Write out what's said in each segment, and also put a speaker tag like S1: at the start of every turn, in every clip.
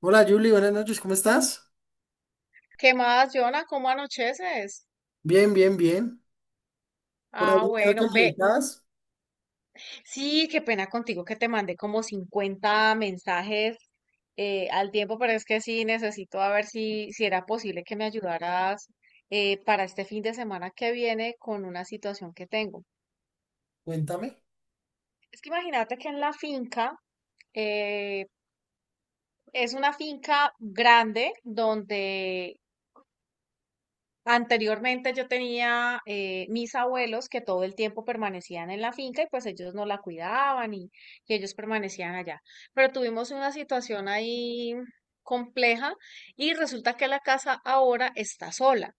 S1: Hola Julie, buenas noches, ¿cómo estás?
S2: ¿Qué más, Jonah? ¿Cómo anocheces?
S1: Bien, bien, bien. Por
S2: Ah,
S1: ahí creo que
S2: bueno,
S1: me
S2: ve,
S1: necesitas.
S2: sí, qué pena contigo que te mandé como 50 mensajes al tiempo, pero es que sí, necesito a ver si era posible que me ayudaras para este fin de semana que viene con una situación que tengo.
S1: Cuéntame.
S2: Es que imagínate que en la finca, eh, es una finca grande donde anteriormente yo tenía mis abuelos que todo el tiempo permanecían en la finca y pues ellos no la cuidaban y ellos permanecían allá. Pero tuvimos una situación ahí compleja y resulta que la casa ahora está sola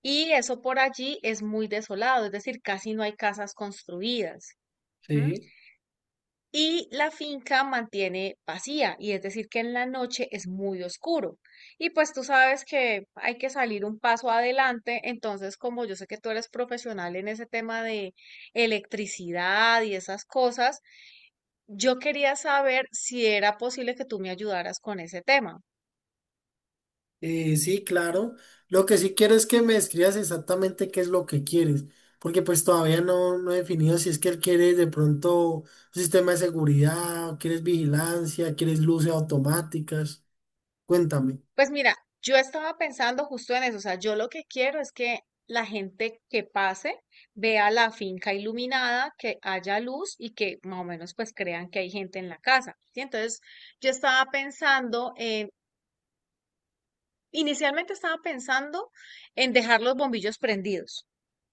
S2: y eso por allí es muy desolado, es decir, casi no hay casas construidas. ¿M?
S1: Sí.
S2: Y la finca mantiene vacía, y es decir, que en la noche es muy oscuro. Y pues tú sabes que hay que salir un paso adelante, entonces como yo sé que tú eres profesional en ese tema de electricidad y esas cosas, yo quería saber si era posible que tú me ayudaras con ese tema.
S1: Sí, claro. Lo que sí quiero es que me escribas exactamente qué es lo que quieres, porque pues todavía no he definido si es que él quiere de pronto un sistema de seguridad, o quieres vigilancia, quieres luces automáticas. Cuéntame.
S2: Pues mira, yo estaba pensando justo en eso, o sea, yo lo que quiero es que la gente que pase vea la finca iluminada, que haya luz y que más o menos pues crean que hay gente en la casa, ¿sí? Entonces, yo estaba pensando en, inicialmente estaba pensando en dejar los bombillos prendidos,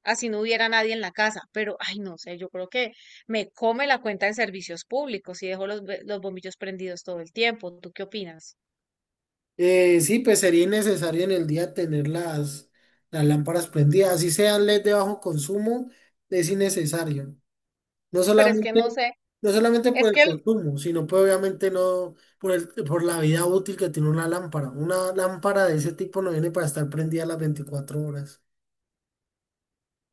S2: así no hubiera nadie en la casa, pero ay, no sé, yo creo que me come la cuenta de servicios públicos y dejo los bombillos prendidos todo el tiempo. ¿Tú qué opinas?
S1: Sí, pues sería necesario en el día tener las lámparas prendidas, así sean LED de bajo consumo, es innecesario. No
S2: Pero es que
S1: solamente,
S2: no sé.
S1: no solamente por
S2: Es
S1: el
S2: que el-
S1: consumo, sino pues obviamente no por por la vida útil que tiene una lámpara. Una lámpara de ese tipo no viene para estar prendida las 24 horas.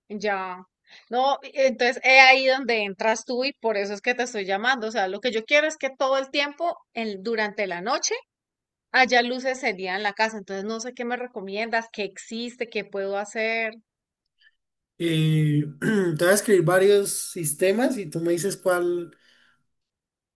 S2: Ya. No, entonces es ahí donde entras tú y por eso es que te estoy llamando. O sea, lo que yo quiero es que todo el tiempo, durante la noche, haya luces el día en la casa. Entonces no sé qué me recomiendas, qué existe, qué puedo hacer.
S1: Te voy a escribir varios sistemas y tú me dices cuál,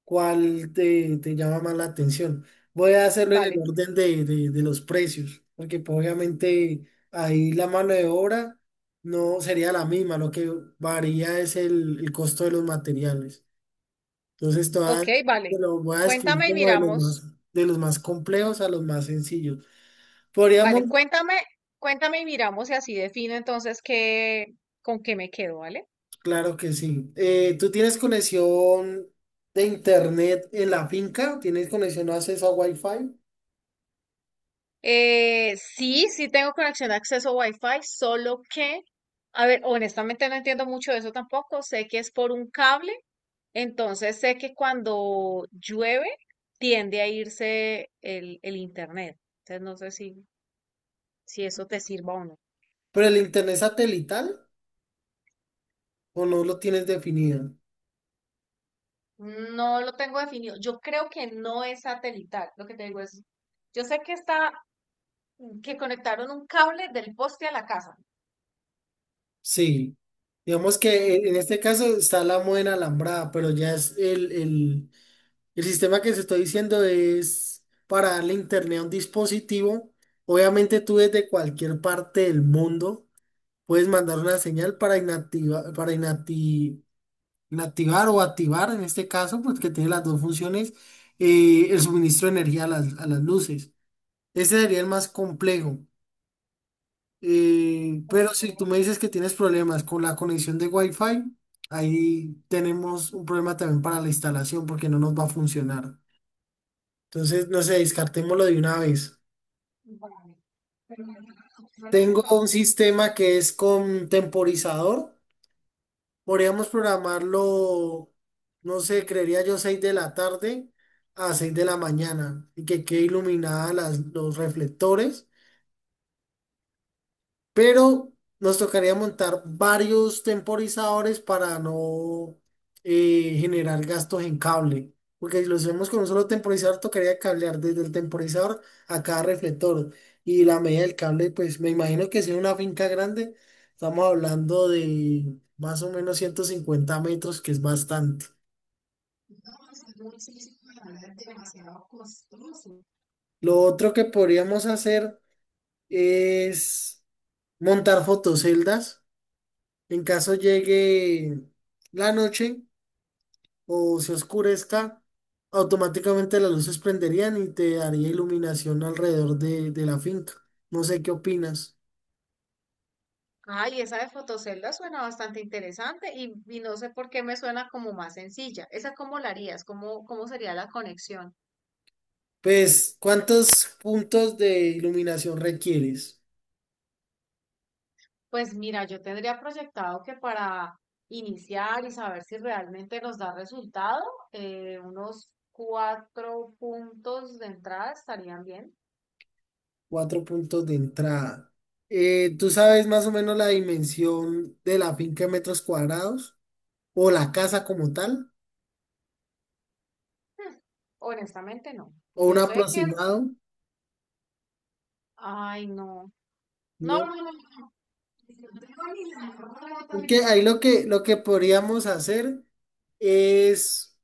S1: cuál te llama más la atención. Voy a hacerlo en el
S2: Vale.
S1: orden de los precios, porque pues, obviamente ahí la mano de obra no sería la misma, lo que varía es el costo de los materiales. Entonces,
S2: Ok,
S1: todas te
S2: vale.
S1: lo voy a describir
S2: Cuéntame y
S1: como de los más,
S2: miramos.
S1: de los más complejos a los más sencillos.
S2: Vale,
S1: ¿Podríamos?
S2: cuéntame, cuéntame y miramos y así defino entonces qué, con qué me quedo, ¿vale?
S1: Claro que sí. ¿Tú tienes conexión de internet en la finca? ¿Tienes conexión o acceso a Wi-Fi?
S2: Sí, sí tengo conexión de acceso Wi-Fi, solo que, a ver, honestamente no entiendo mucho de eso tampoco. Sé que es por un cable, entonces sé que cuando llueve tiende a irse el internet. Entonces no sé si, si eso te sirva o no.
S1: ¿Pero el internet satelital o no lo tienes definido?
S2: No lo tengo definido. Yo creo que no es satelital. Lo que te digo es, yo sé que está, que conectaron un cable del poste a la casa.
S1: Sí. Digamos que en
S2: Ujú.
S1: este caso está la moda en alambrada, pero ya es el, el sistema que te estoy diciendo es para darle internet a un dispositivo. Obviamente tú desde cualquier parte del mundo puedes mandar una señal para inactiva- para inacti- inactivar o activar, en este caso, pues que tiene las dos funciones, el suministro de energía a a las luces. Ese sería el más complejo. Pero si tú me dices que tienes problemas con la conexión de Wi-Fi, ahí tenemos un problema también para la instalación porque no nos va a funcionar. Entonces, no sé, descartémoslo de una vez.
S2: Vale. Pero, ¿las opciones
S1: Tengo un
S2: entonces?
S1: sistema que es con temporizador. Podríamos programarlo, no sé, creería yo 6 de la tarde a 6 de la mañana y que quede iluminada los reflectores, pero nos tocaría montar varios temporizadores para no generar gastos en cable. Porque si lo hacemos con un solo temporizador, tocaría cablear desde el temporizador a cada reflector. Y la media del cable, pues me imagino que si es una finca grande, estamos hablando de más o menos 150 metros, que es bastante.
S2: Hacer un ejercicio para nada es demasiado costoso.
S1: Lo otro que podríamos hacer es montar fotoceldas en caso llegue la noche o se oscurezca, automáticamente las luces prenderían y te daría iluminación alrededor de la finca. No sé qué opinas.
S2: Ay, esa de fotocelda suena bastante interesante y no sé por qué me suena como más sencilla. ¿Esa cómo la harías? ¿Cómo, cómo sería la conexión?
S1: Pues, ¿cuántos puntos de iluminación requieres?
S2: Pues mira, yo tendría proyectado que para iniciar y saber si realmente nos da resultado, unos cuatro puntos de entrada estarían bien.
S1: Cuatro puntos de entrada. ¿Tú sabes más o menos la dimensión de la finca en metros cuadrados? ¿O la casa como tal?
S2: Hmm, honestamente, no.
S1: ¿O un
S2: Yo sé que
S1: aproximado?
S2: es... Ay, no. No,
S1: ¿No?
S2: no, no, no. No tengo ni la mejor
S1: Porque
S2: idea.
S1: ahí lo que podríamos hacer es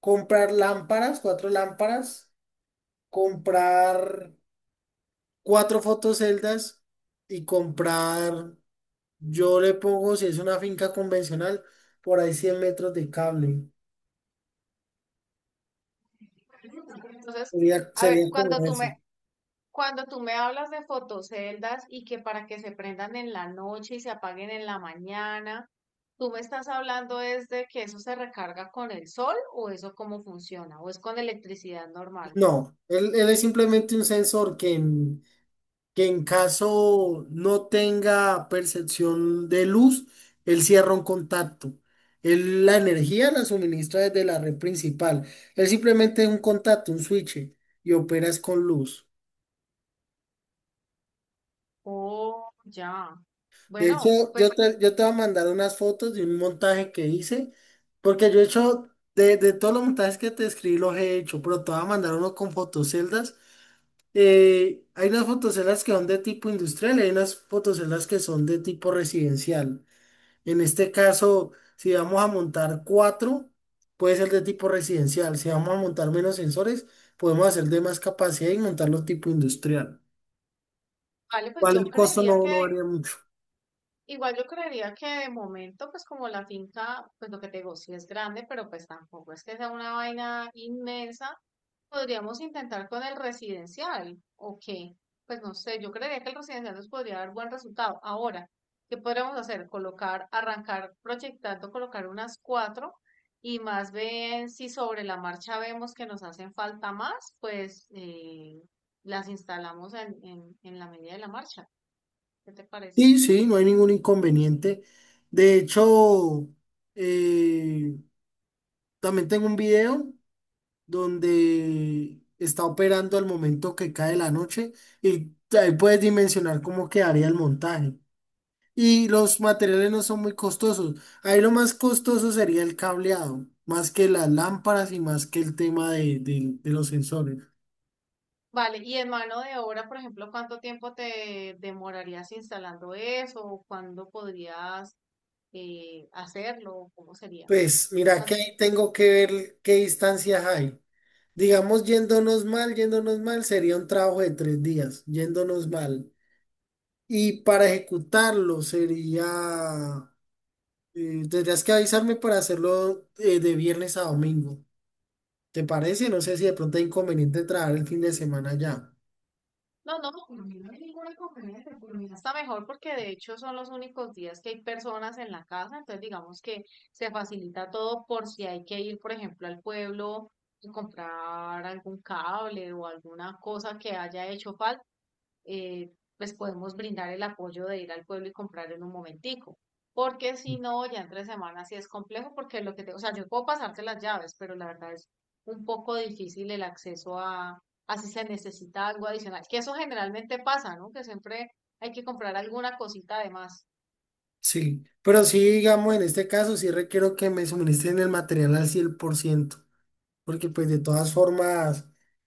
S1: comprar lámparas, cuatro lámparas, comprar cuatro fotoceldas y comprar, yo le pongo, si es una finca convencional, por ahí 100 metros de cable.
S2: Entonces,
S1: Sería,
S2: a
S1: sería
S2: ver,
S1: como ese.
S2: cuando tú me hablas de fotoceldas y que para que se prendan en la noche y se apaguen en la mañana, ¿tú me estás hablando es de que eso se recarga con el sol o eso cómo funciona? ¿O es con electricidad normal?
S1: No, él es simplemente un sensor que en caso no tenga percepción de luz, él cierra un contacto. Él la energía la suministra desde la red principal. Él simplemente es un contacto, un switch, y operas con luz.
S2: Oh, ya.
S1: De
S2: Bueno,
S1: hecho, yo
S2: pues
S1: te, yo te voy a mandar unas fotos de un montaje que hice, porque yo he hecho, de todos los montajes que te escribí, los he hecho, pero te voy a mandar uno con fotoceldas. Hay unas fotoceldas que son de tipo industrial y hay unas fotoceldas que son de tipo residencial. En este caso, si vamos a montar cuatro, puede ser de tipo residencial. Si vamos a montar menos sensores, podemos hacer de más capacidad y montarlo tipo industrial.
S2: vale, pues
S1: Igual el costo no, no varía mucho.
S2: igual yo creería que de momento, pues como la finca, pues lo que te digo, sí es grande, pero pues tampoco es que sea una vaina inmensa. Podríamos intentar con el residencial, ¿o qué? Pues no sé, yo creería que el residencial nos podría dar buen resultado. Ahora, ¿qué podríamos hacer? Colocar, arrancar proyectando, colocar unas cuatro y más bien si sobre la marcha vemos que nos hacen falta más, pues las instalamos en la medida de la marcha. ¿Qué te parece?
S1: Sí, sí, no hay ningún inconveniente. De hecho, eh, también tengo un video donde está operando al momento que cae la noche y ahí puedes dimensionar cómo quedaría el montaje. Y los materiales no son muy costosos. Ahí lo más costoso sería el cableado, más que las lámparas y más que el tema de los sensores.
S2: Vale, y en mano de obra, por ejemplo, ¿cuánto tiempo te demorarías instalando eso? ¿O cuándo podrías hacerlo? ¿Cómo sería?
S1: Pues mira que
S2: Cuan-
S1: ahí tengo que ver qué distancias hay. Digamos, yéndonos mal, sería un trabajo de 3 días, yéndonos mal. Y para ejecutarlo sería, tendrías que avisarme para hacerlo de viernes a domingo. ¿Te parece? No sé si de pronto hay inconveniente trabajar el fin de semana ya.
S2: No, no, por mí no hay ninguna inconveniente, por mí está mejor porque de hecho son los únicos días que hay personas en la casa, entonces digamos que se facilita todo por si hay que ir, por ejemplo, al pueblo y comprar algún cable o alguna cosa que haya hecho falta. eh, pues podemos brindar el apoyo de ir al pueblo y comprar en un momentico. Porque si no, ya entre semanas sí es complejo, porque lo que te, o sea, yo puedo pasarte las llaves, pero la verdad es un poco difícil el acceso a si se necesita algo adicional, que eso generalmente pasa, ¿no? Que siempre hay que comprar alguna cosita además.
S1: Sí, pero sí, digamos, en este caso sí requiero que me suministren el material al 100%, porque pues de todas formas,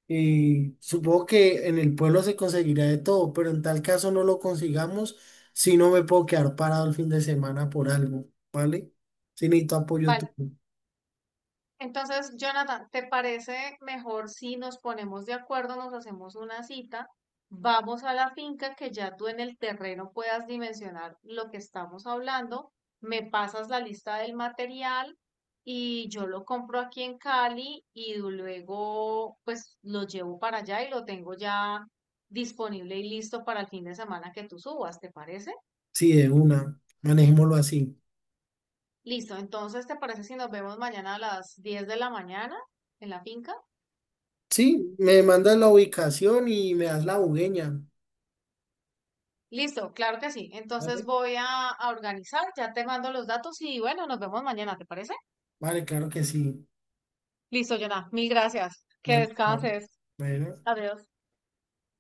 S1: supongo que en el pueblo se conseguirá de todo, pero en tal caso no lo consigamos, si no me puedo quedar parado el fin de semana por algo, ¿vale? Si necesito apoyo
S2: Vale.
S1: tuyo.
S2: Entonces, Jonathan, ¿te parece mejor si nos ponemos de acuerdo, nos hacemos una cita, vamos a la finca que ya tú en el terreno puedas dimensionar lo que estamos hablando, me pasas la lista del material y yo lo compro aquí en Cali y luego pues lo llevo para allá y lo tengo ya disponible y listo para el fin de semana que tú subas, ¿te parece?
S1: Sí, de una, manejémoslo así.
S2: Listo, entonces, ¿te parece si nos vemos mañana a las 10 de la mañana en la finca?
S1: Sí, me mandas la ubicación y me das la bugueña,
S2: Listo, claro que sí. Entonces
S1: ¿vale?
S2: voy a organizar, ya te mando los datos y bueno, nos vemos mañana, ¿te parece?
S1: Vale, claro que sí.
S2: Listo, Jonah, mil gracias. Que
S1: Vale, vale.
S2: descanses.
S1: Bueno.
S2: Adiós.